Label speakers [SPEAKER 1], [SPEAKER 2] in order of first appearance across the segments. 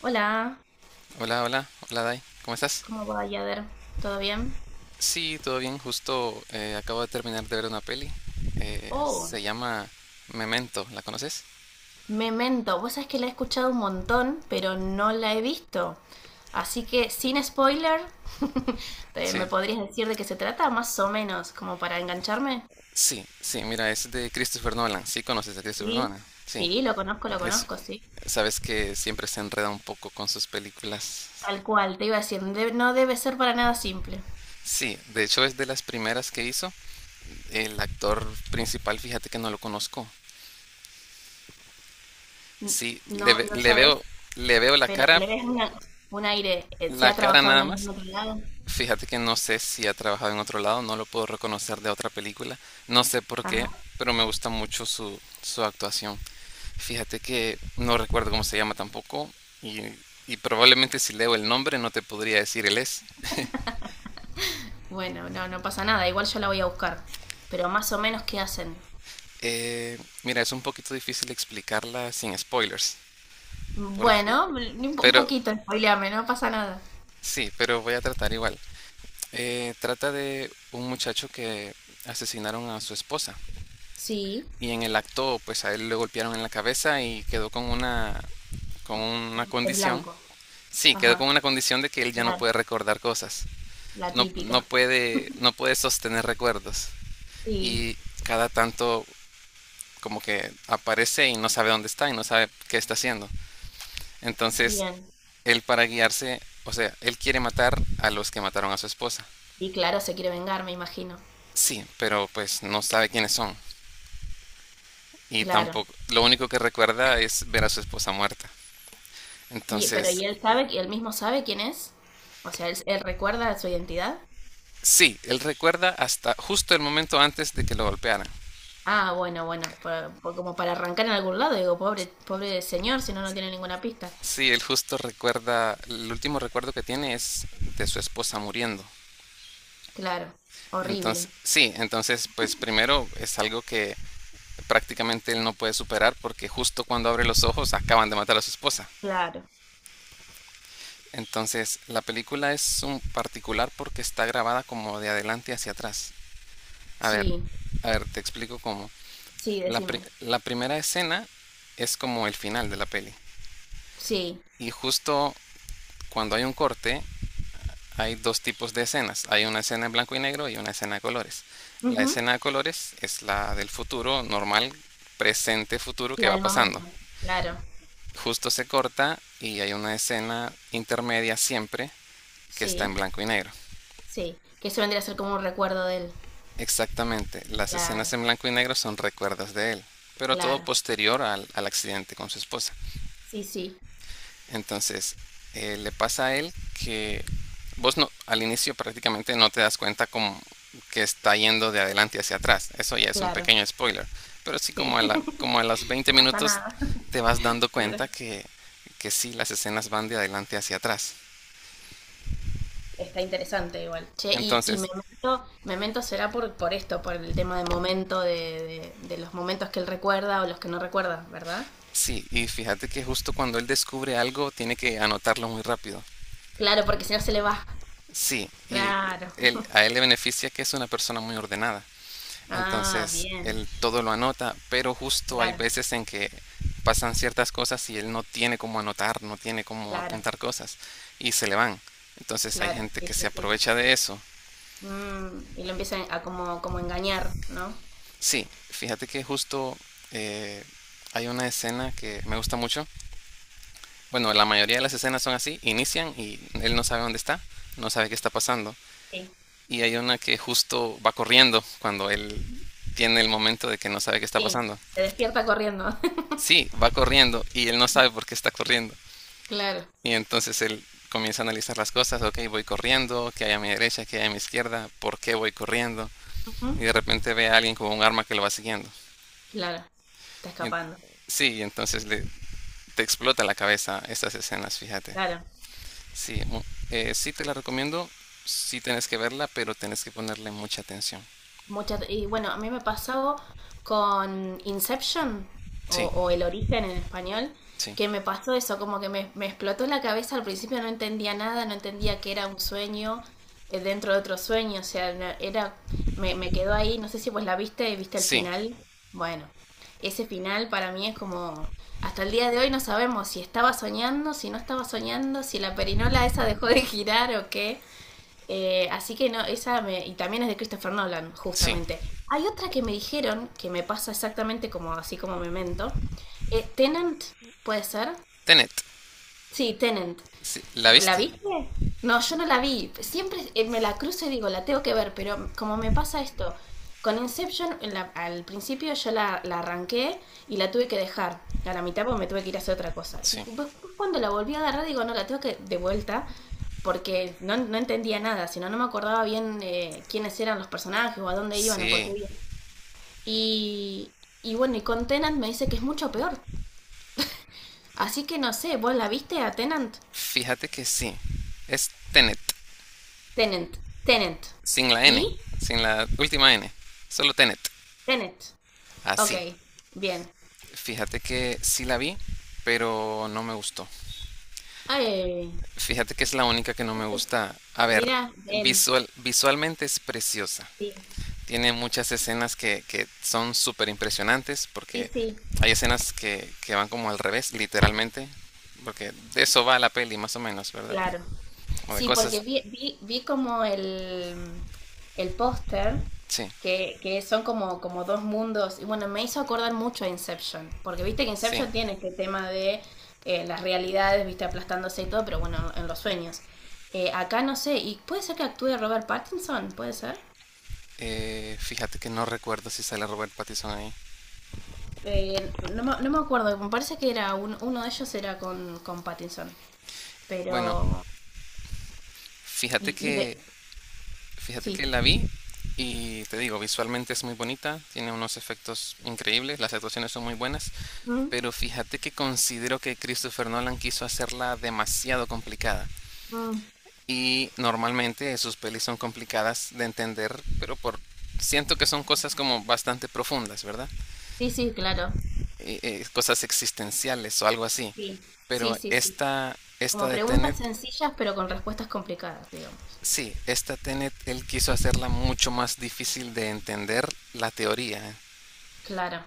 [SPEAKER 1] Hola,
[SPEAKER 2] Hola, hola, hola Dai, ¿cómo estás?
[SPEAKER 1] ¿cómo va Yader? ¿Todo bien?
[SPEAKER 2] Sí, todo bien, justo acabo de terminar de ver una peli,
[SPEAKER 1] Oh,
[SPEAKER 2] se llama Memento, ¿la conoces?
[SPEAKER 1] Memento. Vos sabés que la he escuchado un montón, pero no la he visto. Así que, sin spoiler, ¿me
[SPEAKER 2] Sí,
[SPEAKER 1] podrías decir de qué se trata? Más o menos, como para engancharme.
[SPEAKER 2] sí, mira, es de Christopher Nolan, sí conoces a Christopher
[SPEAKER 1] Sí,
[SPEAKER 2] Nolan, sí,
[SPEAKER 1] sí, lo
[SPEAKER 2] es,
[SPEAKER 1] conozco, sí.
[SPEAKER 2] sabes que siempre se enreda un poco con sus películas.
[SPEAKER 1] Tal cual, te iba a decir, no debe ser para nada simple.
[SPEAKER 2] Sí, de hecho es de las primeras que hizo. El actor principal, fíjate que no lo conozco,
[SPEAKER 1] N-
[SPEAKER 2] sí,
[SPEAKER 1] No, no sabes,
[SPEAKER 2] le veo
[SPEAKER 1] pero le ves un aire. ¿Se
[SPEAKER 2] la
[SPEAKER 1] ha
[SPEAKER 2] cara
[SPEAKER 1] trabajado en
[SPEAKER 2] nada
[SPEAKER 1] algún
[SPEAKER 2] más.
[SPEAKER 1] otro lado?
[SPEAKER 2] Fíjate que no sé si ha trabajado en otro lado, no lo puedo reconocer de otra película, no sé por qué,
[SPEAKER 1] Ajá.
[SPEAKER 2] pero me gusta mucho su actuación. Fíjate que no recuerdo cómo se llama tampoco y, y probablemente si leo el nombre no te podría decir él es.
[SPEAKER 1] Bueno, no, no pasa nada, igual yo la voy a buscar. Pero más o menos, ¿qué hacen?
[SPEAKER 2] Eh, mira, es un poquito difícil explicarla sin spoilers, porque,
[SPEAKER 1] Bueno, un
[SPEAKER 2] pero
[SPEAKER 1] poquito, spoileame, no pasa nada.
[SPEAKER 2] sí, pero voy a tratar igual. Trata de un muchacho que asesinaron a su esposa
[SPEAKER 1] Sí,
[SPEAKER 2] y en el acto pues a él le golpearon en la cabeza y quedó con una
[SPEAKER 1] en
[SPEAKER 2] condición.
[SPEAKER 1] blanco.
[SPEAKER 2] Sí, quedó con
[SPEAKER 1] Ajá,
[SPEAKER 2] una condición de que él ya no
[SPEAKER 1] claro,
[SPEAKER 2] puede recordar cosas.
[SPEAKER 1] la
[SPEAKER 2] No,
[SPEAKER 1] típica.
[SPEAKER 2] no puede sostener recuerdos
[SPEAKER 1] Sí,
[SPEAKER 2] y cada tanto como que aparece y no sabe dónde está y no sabe qué está haciendo. Entonces,
[SPEAKER 1] bien.
[SPEAKER 2] él para guiarse, o sea, él quiere matar a los que mataron a su esposa.
[SPEAKER 1] Y claro, se quiere vengar, me imagino.
[SPEAKER 2] Sí, pero pues no sabe quiénes son y
[SPEAKER 1] Claro.
[SPEAKER 2] tampoco lo único que recuerda es ver a su esposa muerta.
[SPEAKER 1] Pero ¿y
[SPEAKER 2] Entonces,
[SPEAKER 1] él sabe, y él mismo sabe quién es? O sea, ¿él recuerda su identidad?
[SPEAKER 2] sí, él recuerda hasta justo el momento antes de que lo golpearan.
[SPEAKER 1] Ah, bueno, bueno, como para arrancar en algún lado, digo, pobre, pobre señor, si no, no tiene ninguna pista.
[SPEAKER 2] Sí, él justo recuerda, el último recuerdo que tiene es de su esposa muriendo.
[SPEAKER 1] Claro,
[SPEAKER 2] Entonces,
[SPEAKER 1] horrible.
[SPEAKER 2] sí, entonces pues primero es algo que prácticamente él no puede superar porque justo cuando abre los ojos acaban de matar a su esposa.
[SPEAKER 1] Claro,
[SPEAKER 2] Entonces, la película es un particular porque está grabada como de adelante hacia atrás. A ver,
[SPEAKER 1] sí.
[SPEAKER 2] a ver, te explico cómo.
[SPEAKER 1] Sí, decime.
[SPEAKER 2] La primera escena es como el final de la peli.
[SPEAKER 1] Sí.
[SPEAKER 2] Y justo cuando hay un corte, hay dos tipos de escenas. Hay una escena en blanco y negro y una escena de colores. La
[SPEAKER 1] Ujú.
[SPEAKER 2] escena de colores es la del futuro normal, presente, futuro que
[SPEAKER 1] La
[SPEAKER 2] va
[SPEAKER 1] del
[SPEAKER 2] pasando.
[SPEAKER 1] momento. Claro.
[SPEAKER 2] Justo se corta y hay una escena intermedia siempre que está en
[SPEAKER 1] Sí,
[SPEAKER 2] blanco y negro.
[SPEAKER 1] sí. Que eso vendría a ser como un recuerdo de él.
[SPEAKER 2] Exactamente, las escenas
[SPEAKER 1] Claro,
[SPEAKER 2] en blanco y negro son recuerdos de él, pero todo
[SPEAKER 1] claro.
[SPEAKER 2] posterior al accidente con su esposa.
[SPEAKER 1] Sí, sí,
[SPEAKER 2] Entonces, le pasa a él que vos no, al inicio prácticamente no te das cuenta como que está yendo de adelante hacia atrás. Eso ya es un
[SPEAKER 1] claro.
[SPEAKER 2] pequeño spoiler. Pero sí como
[SPEAKER 1] Sí.
[SPEAKER 2] como a los 20
[SPEAKER 1] No pasa
[SPEAKER 2] minutos
[SPEAKER 1] nada.
[SPEAKER 2] te vas dando
[SPEAKER 1] Claro.
[SPEAKER 2] cuenta que sí, las escenas van de adelante hacia atrás.
[SPEAKER 1] Está interesante igual. Che, y
[SPEAKER 2] Entonces,
[SPEAKER 1] Memento, Memento será por esto, por el tema de momento, de los momentos que él recuerda o los que no recuerda, ¿verdad?
[SPEAKER 2] sí, y fíjate que justo cuando él descubre algo tiene que anotarlo muy rápido.
[SPEAKER 1] Claro, porque si no se le va.
[SPEAKER 2] Sí, y
[SPEAKER 1] Claro.
[SPEAKER 2] él, a él le beneficia que es una persona muy ordenada.
[SPEAKER 1] Ah,
[SPEAKER 2] Entonces
[SPEAKER 1] bien.
[SPEAKER 2] él todo lo anota, pero justo hay
[SPEAKER 1] Claro,
[SPEAKER 2] veces en que pasan ciertas cosas y él no tiene cómo anotar, no tiene cómo
[SPEAKER 1] claro,
[SPEAKER 2] apuntar cosas y se le van. Entonces hay
[SPEAKER 1] claro.
[SPEAKER 2] gente
[SPEAKER 1] sí,
[SPEAKER 2] que
[SPEAKER 1] sí,
[SPEAKER 2] se
[SPEAKER 1] sí.
[SPEAKER 2] aprovecha de eso.
[SPEAKER 1] Mm, y lo empieza a como engañar, ¿no?
[SPEAKER 2] Sí, fíjate que justo eh, hay una escena que me gusta mucho. Bueno, la mayoría de las escenas son así, inician y él no sabe dónde está, no sabe qué está pasando.
[SPEAKER 1] Sí.
[SPEAKER 2] Y hay una que justo va corriendo cuando él tiene el momento de que no sabe qué está
[SPEAKER 1] Sí,
[SPEAKER 2] pasando.
[SPEAKER 1] se despierta corriendo.
[SPEAKER 2] Sí, va corriendo y él no sabe por qué está corriendo.
[SPEAKER 1] Claro.
[SPEAKER 2] Y entonces él comienza a analizar las cosas, ok, voy corriendo, qué hay a mi derecha, qué hay a mi izquierda, por qué voy corriendo. Y
[SPEAKER 1] Ujú,
[SPEAKER 2] de repente ve a alguien con un arma que lo va siguiendo.
[SPEAKER 1] claro, está
[SPEAKER 2] Y-
[SPEAKER 1] escapando.
[SPEAKER 2] sí, y entonces te explota la cabeza estas escenas, fíjate.
[SPEAKER 1] Claro.
[SPEAKER 2] Sí, sí te la recomiendo, sí tienes que verla, pero tienes que ponerle mucha atención.
[SPEAKER 1] Mucha, y bueno, a mí me pasó con Inception, o,
[SPEAKER 2] Sí,
[SPEAKER 1] o El Origen en español,
[SPEAKER 2] sí,
[SPEAKER 1] que me pasó eso, como que me explotó la cabeza al principio, no entendía nada, no entendía que era un sueño dentro de otro sueño, o sea, era, me quedó ahí, no sé si vos la viste, viste el
[SPEAKER 2] sí,
[SPEAKER 1] final, bueno, ese final para mí es como, hasta el día de hoy no sabemos si estaba soñando, si no estaba soñando, si la perinola esa dejó de girar o qué, así que no, y también es de Christopher Nolan,
[SPEAKER 2] sí.
[SPEAKER 1] justamente. Hay otra que me dijeron, que me pasa exactamente como así como Memento. Tenant, ¿puede ser?
[SPEAKER 2] Tenet,
[SPEAKER 1] Sí, Tenant.
[SPEAKER 2] sí, ¿la
[SPEAKER 1] ¿La
[SPEAKER 2] viste?
[SPEAKER 1] viste? No, yo no la vi. Siempre me la cruzo y digo, la tengo que ver, pero como me pasa esto, con Inception al principio yo la arranqué y la tuve que dejar a la mitad porque me tuve que ir a hacer otra cosa. Y
[SPEAKER 2] Sí,
[SPEAKER 1] después cuando la volví a agarrar digo, no, la tengo que de vuelta porque no, no entendía nada, sino no me acordaba bien quiénes eran los personajes o a dónde iban o por qué
[SPEAKER 2] sí,
[SPEAKER 1] iban. Y, y bueno, y con Tenant me dice que es mucho peor. Así que no sé, ¿vos la viste a Tenant?
[SPEAKER 2] fíjate que sí. Es Tenet.
[SPEAKER 1] Tenant, Tenant.
[SPEAKER 2] Sin la N,
[SPEAKER 1] ¿Y?
[SPEAKER 2] sin la última N. Solo Tenet.
[SPEAKER 1] Tenant. Ok,
[SPEAKER 2] Así.
[SPEAKER 1] bien.
[SPEAKER 2] Fíjate que sí la vi, pero no me gustó.
[SPEAKER 1] Ay,
[SPEAKER 2] Fíjate que es la única que no me gusta. A ver,
[SPEAKER 1] mira, él.
[SPEAKER 2] visualmente es preciosa.
[SPEAKER 1] Sí,
[SPEAKER 2] Tiene muchas escenas que son súper impresionantes
[SPEAKER 1] sí,
[SPEAKER 2] porque
[SPEAKER 1] sí,
[SPEAKER 2] hay escenas que van como al revés, literalmente. Porque de eso va la peli, más o menos, ¿verdad?
[SPEAKER 1] claro.
[SPEAKER 2] Como de
[SPEAKER 1] Sí,
[SPEAKER 2] cosas...
[SPEAKER 1] porque vi como el póster
[SPEAKER 2] Sí,
[SPEAKER 1] que son como dos mundos. Y bueno, me hizo acordar mucho a Inception, porque viste que
[SPEAKER 2] sí.
[SPEAKER 1] Inception tiene este tema de las realidades, viste, aplastándose y todo, pero bueno, en los sueños. Acá no sé, y puede ser que actúe Robert Pattinson, puede ser.
[SPEAKER 2] Fíjate que no recuerdo si sale Robert Pattinson ahí.
[SPEAKER 1] No, no me acuerdo, me parece que era uno de ellos era con Pattinson,
[SPEAKER 2] Bueno,
[SPEAKER 1] pero...
[SPEAKER 2] fíjate
[SPEAKER 1] Y
[SPEAKER 2] que
[SPEAKER 1] de...
[SPEAKER 2] fíjate que
[SPEAKER 1] Sí.
[SPEAKER 2] la vi y te digo, visualmente es muy bonita, tiene unos efectos increíbles, las actuaciones son muy buenas,
[SPEAKER 1] Mm,
[SPEAKER 2] pero fíjate que considero que Christopher Nolan quiso hacerla demasiado complicada.
[SPEAKER 1] mm.
[SPEAKER 2] Y normalmente sus pelis son complicadas de entender, pero por siento que son cosas como bastante profundas, ¿verdad?
[SPEAKER 1] Sí, sí, claro.
[SPEAKER 2] Cosas existenciales o algo así.
[SPEAKER 1] Sí, sí,
[SPEAKER 2] Pero
[SPEAKER 1] sí, sí.
[SPEAKER 2] esta
[SPEAKER 1] Como
[SPEAKER 2] de Tenet,
[SPEAKER 1] preguntas sencillas, pero con respuestas complicadas, digamos.
[SPEAKER 2] sí, esta Tenet, él quiso hacerla mucho más difícil de entender la teoría.
[SPEAKER 1] Claro,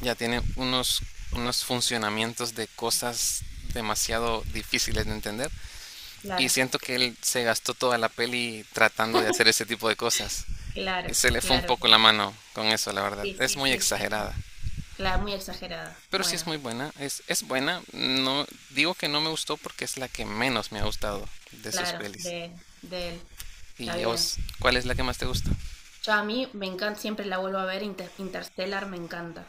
[SPEAKER 2] Ya tiene unos funcionamientos de cosas demasiado difíciles de entender. Y
[SPEAKER 1] claro.
[SPEAKER 2] siento que él se gastó toda la peli tratando de hacer ese tipo de cosas. Y
[SPEAKER 1] Claro,
[SPEAKER 2] se le fue un
[SPEAKER 1] claro,
[SPEAKER 2] poco la
[SPEAKER 1] claro.
[SPEAKER 2] mano con eso, la verdad.
[SPEAKER 1] Sí,
[SPEAKER 2] Es
[SPEAKER 1] sí,
[SPEAKER 2] muy
[SPEAKER 1] sí, sí.
[SPEAKER 2] exagerada.
[SPEAKER 1] Claro, muy exagerada.
[SPEAKER 2] Pero sí es
[SPEAKER 1] Bueno,
[SPEAKER 2] muy buena. Es buena. No, digo que no me gustó porque es la que menos me ha gustado de sus
[SPEAKER 1] claro,
[SPEAKER 2] pelis.
[SPEAKER 1] de él. Está
[SPEAKER 2] ¿Y a
[SPEAKER 1] bien.
[SPEAKER 2] vos, cuál es la que más te gusta?
[SPEAKER 1] Yo a mí me encanta, siempre la vuelvo a ver, Interstellar me encanta.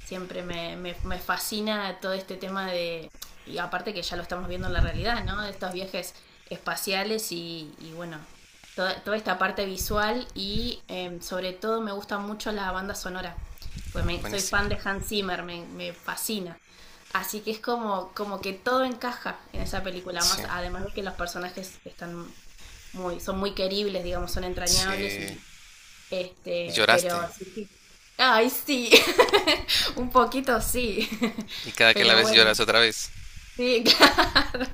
[SPEAKER 1] Siempre me fascina todo este tema de, y aparte que ya lo estamos viendo en la realidad, ¿no? De estos viajes espaciales y bueno, toda esta parte visual y sobre todo me gusta mucho la banda sonora, pues
[SPEAKER 2] Ah,
[SPEAKER 1] soy
[SPEAKER 2] buenísima.
[SPEAKER 1] fan de Hans Zimmer, me fascina. Así que es como que todo encaja en esa película,
[SPEAKER 2] Sí,
[SPEAKER 1] más además de que los personajes están son muy queribles, digamos, son entrañables
[SPEAKER 2] sí.
[SPEAKER 1] y
[SPEAKER 2] Y lloraste.
[SPEAKER 1] pero sí, sí. Ay, sí, un poquito sí,
[SPEAKER 2] Y cada que la
[SPEAKER 1] pero
[SPEAKER 2] ves
[SPEAKER 1] bueno,
[SPEAKER 2] lloras otra vez.
[SPEAKER 1] sí, claro.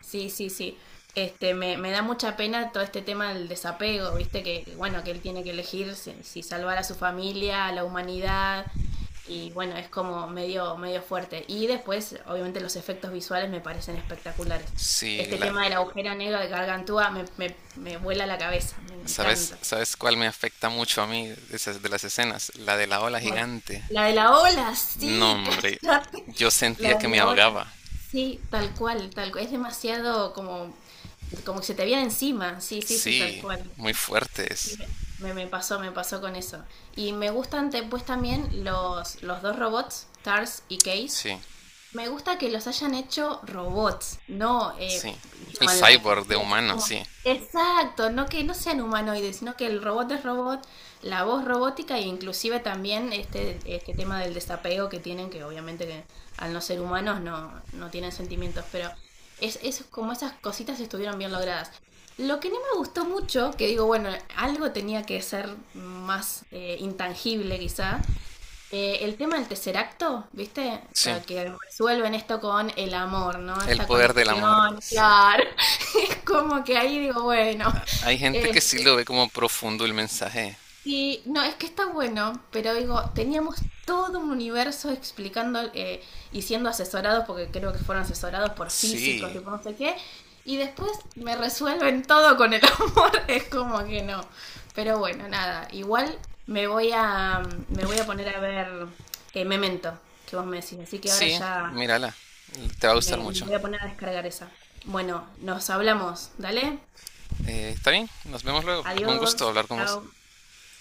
[SPEAKER 1] Sí, sí, sí. Me da mucha pena todo este tema del desapego, viste, que bueno, que él tiene que elegir si salvar a su familia, a la humanidad, y bueno, es como medio, medio fuerte. Y después, obviamente, los efectos visuales me parecen espectaculares.
[SPEAKER 2] Sí,
[SPEAKER 1] Este
[SPEAKER 2] la,
[SPEAKER 1] tema de la agujera negra de Gargantúa me vuela la cabeza, me
[SPEAKER 2] ¿Sabes,
[SPEAKER 1] encanta.
[SPEAKER 2] sabes cuál me afecta mucho a mí de esas- de las escenas? La de la ola
[SPEAKER 1] Voy.
[SPEAKER 2] gigante.
[SPEAKER 1] La de la ola,
[SPEAKER 2] No,
[SPEAKER 1] sí,
[SPEAKER 2] hombre,
[SPEAKER 1] cállate.
[SPEAKER 2] yo sentía
[SPEAKER 1] La
[SPEAKER 2] que
[SPEAKER 1] de
[SPEAKER 2] me
[SPEAKER 1] la ola.
[SPEAKER 2] ahogaba.
[SPEAKER 1] Sí, tal cual, tal cual. Es demasiado como que se te viene encima. Sí, sí, sí, tal
[SPEAKER 2] Sí,
[SPEAKER 1] cual.
[SPEAKER 2] muy fuerte
[SPEAKER 1] Sí,
[SPEAKER 2] es.
[SPEAKER 1] me pasó, me pasó con eso. Y me gustan después también los dos robots, Tars y Case.
[SPEAKER 2] Sí,
[SPEAKER 1] Me gusta que los hayan hecho robots, no
[SPEAKER 2] sí. El
[SPEAKER 1] human-like.
[SPEAKER 2] cyborg
[SPEAKER 1] ¿Viste?
[SPEAKER 2] de
[SPEAKER 1] Así
[SPEAKER 2] humano,
[SPEAKER 1] como-
[SPEAKER 2] sí.
[SPEAKER 1] Exacto, no que no sean humanoides, sino que el robot es robot, la voz robótica e inclusive también este tema del desapego que tienen, que obviamente que al no ser humanos no tienen sentimientos, pero es como esas cositas estuvieron bien logradas. Lo que no me gustó mucho, que digo, bueno, algo tenía que ser más intangible quizá, el tema del tercer acto, ¿viste?
[SPEAKER 2] Sí.
[SPEAKER 1] Que resuelven esto con el amor, ¿no?
[SPEAKER 2] El
[SPEAKER 1] Esta
[SPEAKER 2] poder del amor,
[SPEAKER 1] conexión,
[SPEAKER 2] sí.
[SPEAKER 1] claro. Es como que ahí digo, bueno,
[SPEAKER 2] Hay gente que sí lo ve como profundo el mensaje.
[SPEAKER 1] Sí, no, es que está bueno, pero digo, teníamos todo un universo explicando y siendo asesorados, porque creo que fueron asesorados por físicos
[SPEAKER 2] Sí,
[SPEAKER 1] y por no sé qué, y después me resuelven todo con el amor, es como que no. Pero bueno, nada, igual me voy a, poner a ver Memento, que vos me decís, así que ahora
[SPEAKER 2] sí,
[SPEAKER 1] ya
[SPEAKER 2] mírala. Te va a gustar
[SPEAKER 1] me
[SPEAKER 2] mucho.
[SPEAKER 1] voy a poner a descargar esa. Bueno, nos hablamos, dale,
[SPEAKER 2] Está bien, nos vemos luego. Un gusto
[SPEAKER 1] adiós,
[SPEAKER 2] hablar con vos.
[SPEAKER 1] chao.